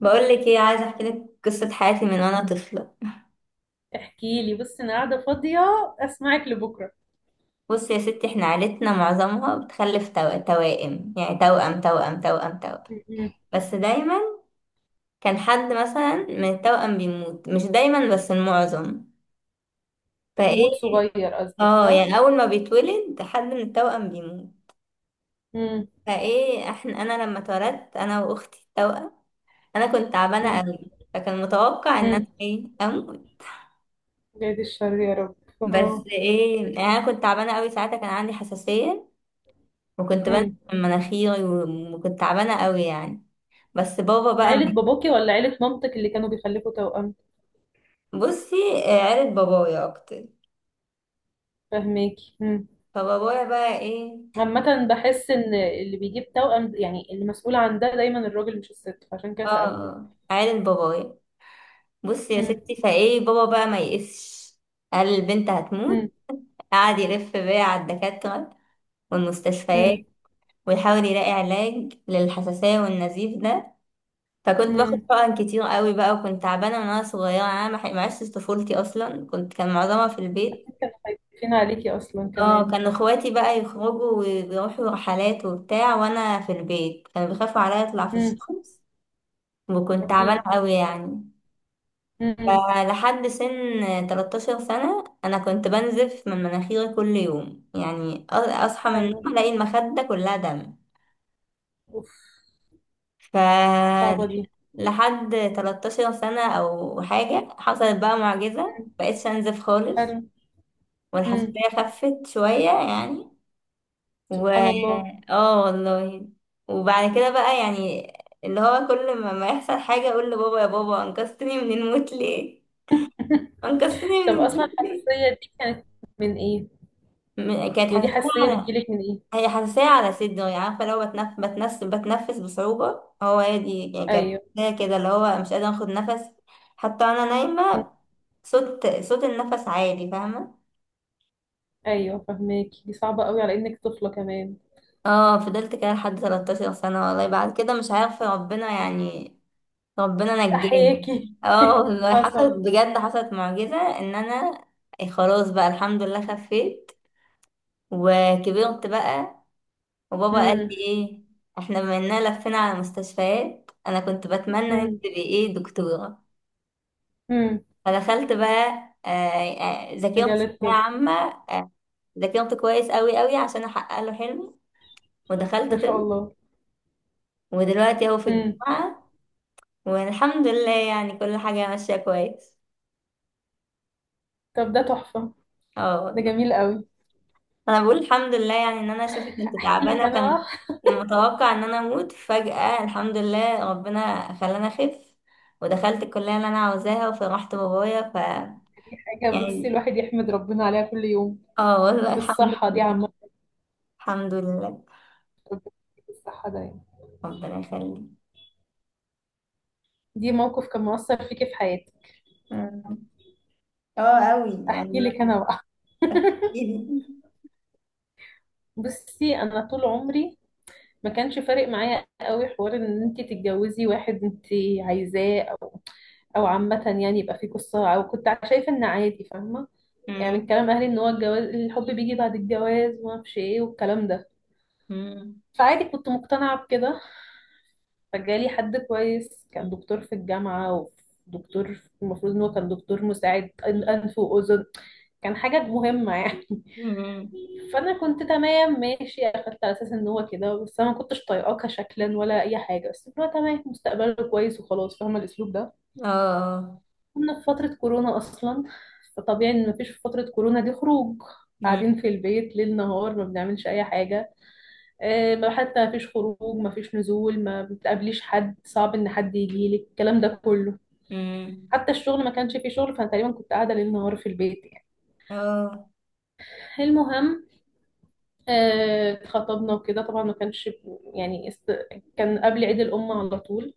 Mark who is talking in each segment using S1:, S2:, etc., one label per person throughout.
S1: بقول لك ايه؟ عايزه احكي لك قصه حياتي من وانا طفله.
S2: احكي لي. بصي، انا قاعده فاضيه، اسمعك لبكره.
S1: بص يا ستي، احنا عيلتنا معظمها بتخلف توائم، يعني توأم توأم توأم توأم.
S2: م-م.
S1: بس دايما كان حد مثلا من التوأم بيموت، مش دايما بس المعظم. فايه،
S2: يموت صغير، قصدك،
S1: اه،
S2: صح؟
S1: يعني اول ما بيتولد حد من التوأم بيموت.
S2: م-م.
S1: فايه احنا، انا لما اتولدت انا واختي التوأم، انا كنت تعبانه قوي، فكان متوقع ان انا
S2: م-م.
S1: ايه اموت.
S2: بعيد الشر يا رب.
S1: بس
S2: آه.
S1: ايه، يعني انا كنت تعبانه قوي ساعتها، كان عندي حساسيه وكنت بنزل
S2: م.
S1: من مناخيري وكنت تعبانة قوي يعني. بس بابا بقى،
S2: عيله باباكي ولا عيله مامتك اللي كانوا بيخلفوا توأم؟
S1: بصي، آه، عيلة بابايا أكتر.
S2: فهماكي. م.
S1: فبابايا بقى إيه،
S2: عامة، بحس ان اللي بيجيب توأم يعني المسؤول عن ده دايما الراجل مش الست، فعشان كده سألتك.
S1: اه، عيلة بابايا. بصي يا
S2: م.
S1: ستي، فإيه بابا بقى ما يقسش، قال البنت
S2: م.
S1: هتموت. قعد يلف بيا على الدكاترة والمستشفيات،
S2: م.
S1: ويحاول يلاقي علاج للحساسية والنزيف ده. فكنت باخد
S2: م.
S1: حقن كتير قوي بقى، وكنت تعبانة من وأنا صغيرة، أنا ما عشتش طفولتي أصلا، كان معظمها في البيت.
S2: اكيد كانوا خايفين عليكي اصلا
S1: اه،
S2: كمان.
S1: كانوا اخواتي بقى يخرجوا ويروحوا رحلات وبتاع، وانا في البيت كانوا بيخافوا عليا اطلع في
S2: م.
S1: الشمس. وكنت تعبانه
S2: اكيد.
S1: قوي يعني.
S2: م.
S1: فلحد سن 13 سنه، انا كنت بنزف من مناخيري كل يوم، يعني اصحى من النوم
S2: حلو.
S1: الاقي المخده كلها دم.
S2: اوف. صعبة
S1: فلحد
S2: دي.
S1: 13 سنه او حاجه، حصلت بقى معجزه،
S2: م.
S1: مبقتش انزف خالص.
S2: حلو. امم.
S1: والحساسيه خفت شويه يعني. و
S2: سبحان الله.
S1: اه والله. وبعد كده بقى يعني، اللي هو كل ما يحصل حاجة اقول لبابا: يا بابا انقذتني من الموت ليه؟ انقذتني من
S2: طب، اصلا
S1: الموت ليه؟
S2: الحساسيه دي كانت من ايه؟
S1: كانت
S2: يعني دي
S1: حساسية
S2: حساسيه
S1: على،
S2: بتجيلك من ايه؟
S1: هي حساسية على صدري، يعني عارفة لو بتنفس بصعوبة. هي دي يعني كانت
S2: ايوه.
S1: حساسية كده، اللي هو مش قادرة اخد نفس حتى وانا
S2: مم.
S1: نايمة. صوت النفس عالي، فاهمة؟
S2: ايوه، فهماكي، دي صعبه قوي على انك طفله كمان.
S1: اه، فضلت كده لحد 13 سنة والله. بعد كده مش عارفة، ربنا يعني ربنا نجاني.
S2: احياكي.
S1: اه والله،
S2: حصل.
S1: حصلت بجد، حصلت معجزة ان انا إيه، خلاص بقى، الحمد لله خفيت. وكبرت بقى، وبابا قال لي
S2: امم.
S1: ايه: احنا بما اننا لفينا على مستشفيات انا كنت بتمنى ان انت
S2: امم.
S1: تبقي ايه دكتورة.
S2: امم.
S1: فدخلت بقى، آه، ذاكرت
S2: مجال
S1: ثانوية
S2: الطب.
S1: عامة، آه، ذاكرت كويس قوي قوي عشان احقق له حلمي، ودخلت
S2: ما شاء
S1: طب.
S2: الله.
S1: ودلوقتي اهو في
S2: امم.
S1: الجامعة، والحمد لله يعني كل حاجة ماشية كويس.
S2: طب، ده تحفه. ده
S1: اه،
S2: جميل قوي.
S1: انا بقول الحمد لله، يعني ان انا شوفي كنت
S2: احكي
S1: تعبانه،
S2: لك
S1: وكان
S2: انا.
S1: كان متوقع ان انا اموت فجاه. الحمد لله ربنا خلاني اخف، ودخلت الكليه اللي انا عاوزاها، وفرحت بابايا،
S2: دي حاجه، بصي،
S1: يعني
S2: الواحد يحمد ربنا عليها كل يوم.
S1: اه والله الحمد
S2: الصحه دي
S1: لله،
S2: عامه.
S1: الحمد لله.
S2: ربنا يديك الصحه ده يعني.
S1: ربنا يخليك.
S2: دي موقف كان مؤثر فيكي في حياتك؟
S1: أمم. اه قوي يعني.
S2: احكي لك انا بقى. بصي، انا طول عمري ما كانش فارق معايا قوي حوار ان انت تتجوزي واحد انت عايزاه، او عامه، يعني يبقى في قصه، او كنت شايفه ان عادي، فاهمه. يعني
S1: أمم.
S2: من كلام اهلي ان هو الجواز، الحب بيجي بعد الجواز، وما اعرفش ايه والكلام ده.
S1: أمم.
S2: فعادي، كنت مقتنعه بكده. فجالي حد كويس، كان دكتور في الجامعه، ودكتور المفروض ان هو كان دكتور مساعد انف واذن، كان حاجه مهمه يعني.
S1: أمم.
S2: فانا كنت تمام، ماشي، اخدت على اساس ان هو كده. بس انا ما كنتش طايقاه كشكلا ولا اي حاجه، بس اللي هو تمام، مستقبله كويس وخلاص، فاهمه الاسلوب ده.
S1: اه.
S2: كنا في فتره كورونا اصلا، فطبيعي ان مفيش في فتره كورونا دي خروج،
S1: أمم.
S2: قاعدين في البيت ليل نهار، ما بنعملش اي حاجه. آه، ما حتى مفيش خروج، مفيش نزول، ما بتقابليش حد. صعب ان حد يجي لك الكلام ده كله.
S1: أمم.
S2: حتى الشغل ما كانش فيه شغل، فانا تقريبا كنت قاعده ليل نهار في البيت يعني.
S1: اه.
S2: المهم، آه، اتخطبنا وكده، طبعا ما كانش يعني كان قبل عيد الأم على طول.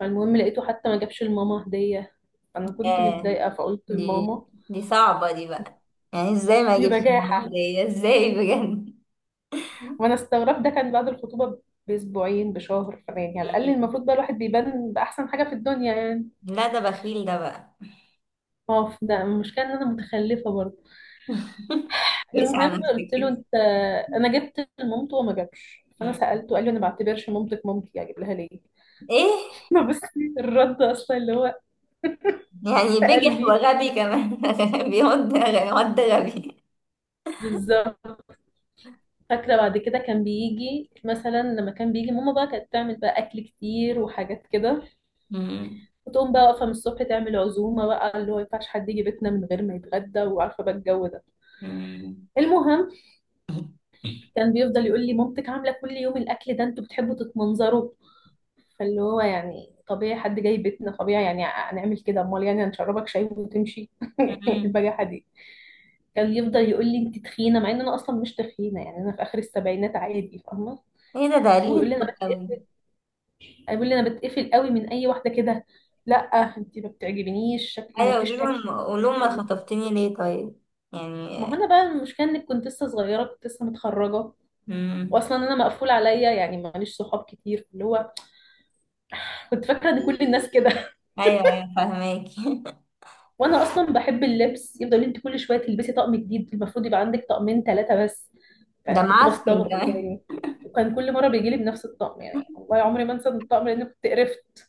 S2: فالمهم، لقيته حتى ما جابش لماما هدية. أنا كنت
S1: آه.
S2: متضايقة، فقلت
S1: دي
S2: لماما
S1: دي صعبة دي بقى، يعني ازاي ما اجيبش
S2: بجاحة.
S1: المعلومة دي ازاي بجد؟
S2: وأنا استغربت. ده كان بعد الخطوبة بأسبوعين، بشهر، فأنا يعني على الأقل
S1: مم.
S2: المفروض بقى الواحد بيبان بأحسن حاجة في الدنيا يعني.
S1: لا، ده بخيل ده بقى.
S2: ما هو ده المشكلة، إن أنا متخلفة برضه.
S1: قيس على
S2: المهم،
S1: نفسك
S2: قلت له
S1: كده.
S2: أنت، أنا جبت لمامته وما جابش، فأنا
S1: مم.
S2: سألته. قال لي أنا ما بعتبرش مامتك مامتي، أجيب لها ليه؟
S1: ايه،
S2: ما بس الرد أصلا اللي هو
S1: يعني
S2: في
S1: بجح
S2: قلبي.
S1: وغبي كمان. بيقعد غبي، واد غبي.
S2: بالظبط. فاكرة بعد كده كان بيجي مثلا لما كان بيجي ماما بقى، كانت تعمل بقى أكل كتير وحاجات كده،
S1: مم.
S2: وتقوم بقى واقفة من الصبح تعمل عزومة بقى، اللي هو ينفعش حد يجي بيتنا من غير ما يتغدى، وعارفة بقى الجو ده.
S1: مم.
S2: المهم، كان بيفضل يقول لي مامتك عاملة كل يوم الأكل ده، انتوا بتحبوا تتمنظروا. فاللي هو يعني طبيعي، حد جاي بيتنا طبيعي يعني هنعمل كده، امال يعني هنشربك شاي وتمشي؟
S1: مم.
S2: البجاحة دي. كان يفضل يقول لي انت تخينه، مع ان انا اصلا مش تخينه يعني، انا في اخر السبعينات عادي، فاهمه.
S1: ايه ده، قليل
S2: ويقول لي انا
S1: الذوق قوي.
S2: بتقفل يقول لي انا بتقفل قوي من اي واحده كده. لا، انت ما بتعجبنيش شكل، ما
S1: ايوه قولي
S2: قلتيش
S1: لهم،
S2: تاكلي، ما
S1: قولي
S2: قلتيش
S1: لهم، ما
S2: تعملي.
S1: خطفتني ليه طيب؟
S2: ما هو
S1: يعني.
S2: انا بقى المشكله انك كنت لسه صغيره، كنت لسه متخرجه.
S1: مم.
S2: واصلا انا مقفول عليا يعني، ماليش صحاب كتير، اللي هو كنت فاكره ان كل الناس كده.
S1: ايوه ايوه فاهماكي.
S2: وانا اصلا بحب اللبس، يفضل يقول لي انت كل شويه تلبسي طقم جديد، المفروض يبقى عندك طقمين ثلاثه بس. فانا
S1: ده
S2: كنت
S1: معفن
S2: بستغرب اللي هو
S1: كمان.
S2: يعني. وكان كل مره بيجي لي بنفس الطقم يعني، والله عمري ما انسى الطقم لان كنت قرفت.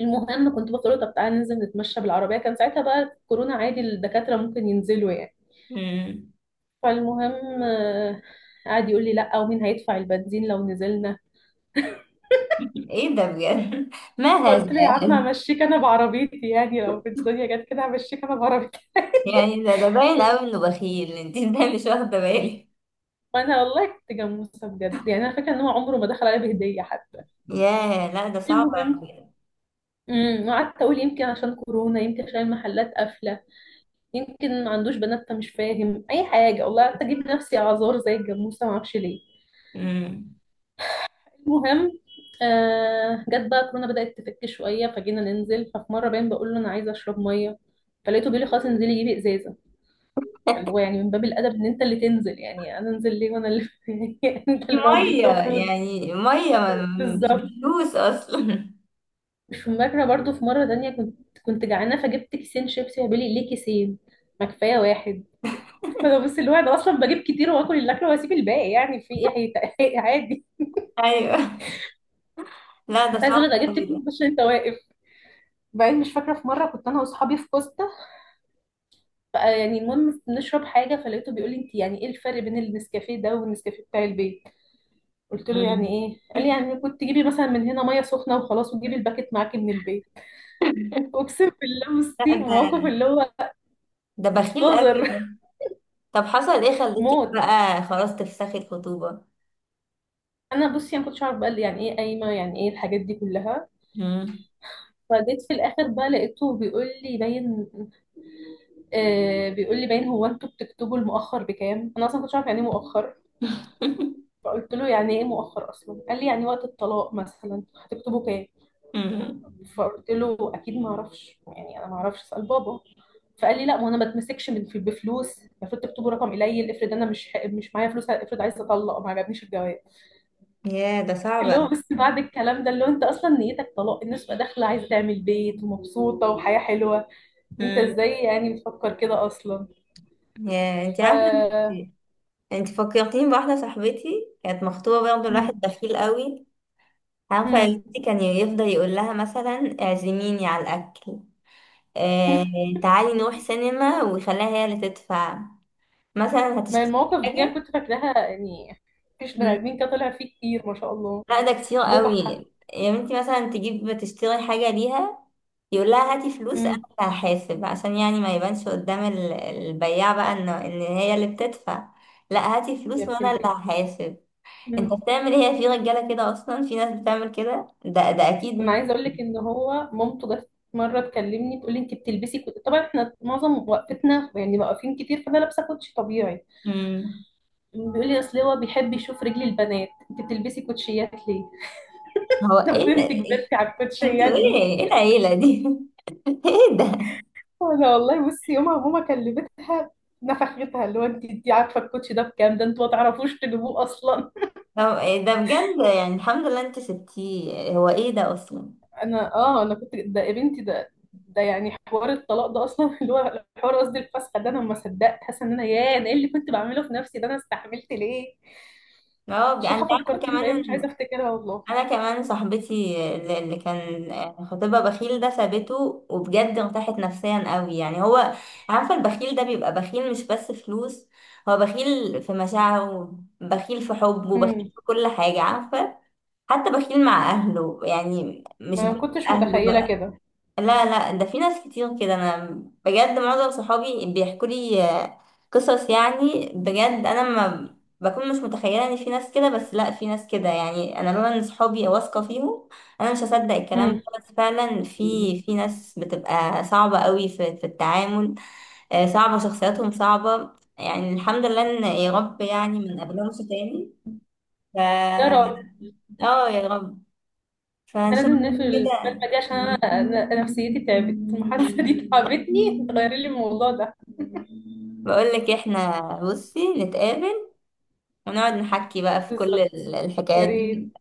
S2: المهم، كنت بقول له طب تعالى ننزل نتمشى بالعربية، كان ساعتها بقى كورونا عادي، الدكاترة ممكن ينزلوا يعني.
S1: مم.
S2: فالمهم قعد يقول لي لا، ومين هيدفع البنزين لو نزلنا؟
S1: ايه ده بجد؟ ما هذا؟
S2: قلت له يا عم، همشيك انا بعربيتي، يعني لو في الدنيا جت كده همشيك انا بعربيتي.
S1: يعني ده، باين قوي انه بخيل انت. ازاي مش واخده بالي؟
S2: وانا والله كنت جاموسه بجد يعني، انا فاكره ان هو عمره ما دخل عليا بهديه حتى.
S1: ياه، لا ده صعب
S2: المهم،
S1: قوي.
S2: قعدت اقول يمكن عشان كورونا، يمكن عشان المحلات قافله، يمكن ما عندوش بنات فمش فاهم اي حاجه. والله قعدت اجيب نفسي اعذار زي الجاموسه، ما اعرفش ليه.
S1: أمم.
S2: المهم، جت بقى كورونا، بدأت تفك شوية، فجينا ننزل. ففي مرة باين بقول له أنا عايزة أشرب مية، فلقيته بيقول لي خلاص انزلي جيبي إزازة. فاللي هو يعني من باب الأدب إن أنت اللي تنزل، يعني أنا أنزل ليه وأنا اللي يعني أنت
S1: دي
S2: الراجل
S1: ميه،
S2: المفروض.
S1: يعني ميه مش
S2: بالظبط.
S1: بفلوس اصلا.
S2: مش فاكرة، برضو في مرة تانية كنت جعانة، فجبت كيسين شيبسي. فبيقول لي ليه كيسين؟ ما كفاية واحد؟ فأنا بص، اللي هو أنا أصلا بجيب كتير وآكل اللي أكله وأسيب الباقي، يعني في إيه؟ عادي.
S1: ايوه. لا، ده
S2: كنت عايزة
S1: صعب
S2: أقول لك أنا جبت
S1: قوي
S2: كتير
S1: ده.
S2: عشان أنت واقف. بعدين مش فاكرة، في مرة كنت أنا وأصحابي في كوستا بقى، يعني المهم بنشرب حاجه، فلقيته بيقول لي انت يعني ايه الفرق بين النسكافيه ده والنسكافيه بتاع البيت؟ قلت له يعني
S1: أمم.
S2: ايه؟ قال لي يعني كنت تجيبي مثلا من هنا ميه سخنه وخلاص، وتجيبي الباكت معاكي من البيت. اقسم بالله
S1: لا،
S2: بصي، موقف
S1: ده
S2: اللي هو
S1: ده بخيل قوي
S2: قذر.
S1: ده. طب حصل ايه؟ خليتك
S2: موت.
S1: بقى خلاص تفسخي الخطوبه؟
S2: انا بصي، انا ما كنتش اعرف بقى اللي يعني ايه قايمه، يعني ايه الحاجات دي كلها.
S1: أمم.
S2: فجيت في الاخر بقى، لقيته بيقول لي باين. آه، بيقول لي باين هو انتوا بتكتبوا المؤخر بكام، انا اصلا ما كنتش عارف يعني ايه مؤخر. فقلت له يعني ايه مؤخر اصلا؟ قال لي يعني وقت الطلاق مثلا هتكتبوا كام.
S1: أمم.
S2: فقلت له اكيد ما اعرفش يعني، انا ما اعرفش، اسال بابا. فقال لي لا، ما انا ما اتمسكش من بفلوس، المفروض تكتبوا رقم قليل، افرض انا مش معايا فلوس، افرض عايز اطلق. ما عجبنيش الجواب
S1: ياه ده صعب
S2: اللي هو
S1: قوي.
S2: بس، بعد الكلام ده، اللي هو انت اصلا نيتك طلاق؟ الناس بقى داخله عايزه تعمل بيت ومبسوطه وحياه حلوه، انت
S1: أمم.
S2: ازاي يعني بتفكر كده اصلا؟
S1: ياه انت عارفه،
S2: ف
S1: انت فكرتيني بواحدة صاحبتي كانت مخطوبة برضه لواحد
S2: مم.
S1: بخيل قوي. عارفة يا
S2: مم.
S1: بنتي، كان يفضل يقول لها مثلا اعزميني على الأكل. آه. تعالي نروح سينما، ويخليها هي اللي تدفع، مثلا
S2: ما
S1: هتشتري
S2: المواقف دي أنا
S1: حاجة.
S2: كنت فاكراها يعني، مفيش بني
S1: مم.
S2: ادمين كده طلع فيه كتير، ما شاء الله.
S1: لا ده كتير قوي.
S2: بجحه.
S1: يا بنتي، مثلا تجيب تشتري حاجة ليها، يقول لها: هاتي فلوس انا
S2: مم.
S1: اللي هحاسب، عشان يعني ما يبانش قدام البياع بقى ان هي اللي بتدفع. لا، هاتي
S2: يا
S1: فلوس وانا
S2: بنت
S1: اللي هحاسب. انت
S2: البلد،
S1: بتعمل هي في رجاله كده؟ اصلا في ناس بتعمل كده، ده
S2: انا
S1: اكيد.
S2: عايزه اقول لك ان هو مامته جت مره تكلمني، تقول لي انت بتلبسي كوتشي. طبعا احنا معظم وقفتنا يعني واقفين كتير، فانا لابسه كوتشي طبيعي.
S1: مم.
S2: بيقول لي اصل هو بيحب يشوف رجل البنات، انت بتلبسي كوتشيات ليه؟
S1: هو
S2: طب
S1: ايه ده؟
S2: انت كبرتي على الكوتشيات
S1: انتوا ايه
S2: دي؟
S1: ايه العيله دي؟ ايه ده؟
S2: انا والله بصي، يومها ماما كلمتها، نفختها، اللي هو انت عارفه الكوتشي ده بكام؟ ده انتوا ما تعرفوش تجيبوه اصلا.
S1: هو إيه ده بجد؟ يعني الحمد لله انت سبتيه، هو ايه ده اصلا؟
S2: انا كنت، ده يا بنتي ده، ده يعني حوار الطلاق ده اصلا. اللي هو حوار، قصدي الفسخه ده، انا ما صدقت، حاسه ان انا، ياه، انا ايه اللي كنت بعمله في نفسي ده، انا استحملت ليه؟ شيخه،
S1: انت عارفه
S2: فكرتيني
S1: كمان
S2: بايام مش عايزه
S1: ان
S2: افتكرها والله.
S1: انا كمان صاحبتي اللي كان خطيبها بخيل ده سابته، وبجد ارتاحت نفسيا قوي. يعني هو، عارفه البخيل ده بيبقى بخيل مش بس فلوس، هو بخيل في مشاعره، بخيل في حبه، بخيل
S2: امم.
S1: في كل حاجه، عارفه؟ حتى بخيل مع أهله، يعني مش
S2: ما
S1: بس
S2: كنتش
S1: أهله
S2: متخيله
S1: بقى.
S2: كده.
S1: لا لا، ده في ناس كتير كده. أنا بجد معظم صحابي بيحكوا لي، آه، قصص، يعني بجد أنا ما بكون مش متخيلة إن في ناس كده، بس لا في ناس كده يعني. أنا لولا إن صحابي واثقة فيهم أنا مش هصدق الكلام ده،
S2: امم.
S1: بس فعلا في ناس بتبقى صعبة قوي في التعامل. آه، صعبة، شخصياتهم صعبة. يعني الحمد لله إن يا رب، يعني ما نقابلهمش تاني. ف
S2: يا رب.
S1: اه يا رب. فان
S2: احنا
S1: شاء
S2: لازم
S1: الله
S2: نقفل
S1: كده.
S2: المكالمه دي عشان انا نفسيتي تعبت، المحادثه دي تعبتني، غيري لي الموضوع ده.
S1: بقول لك احنا، بصي نتقابل ونقعد نحكي بقى في كل
S2: بالظبط. يا
S1: الحكايات
S2: ريت.
S1: دي.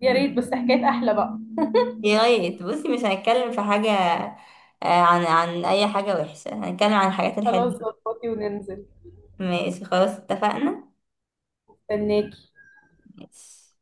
S2: يا ريت بس حكايات احلى بقى.
S1: يا ريت بصي، مش هنتكلم في حاجة، آه، عن اي حاجة وحشة، هنتكلم عن الحاجات
S2: خلاص،
S1: الحلوة.
S2: ظبطي وننزل.
S1: ماشي خلاص اتفقنا.
S2: استناكي.
S1: ماشي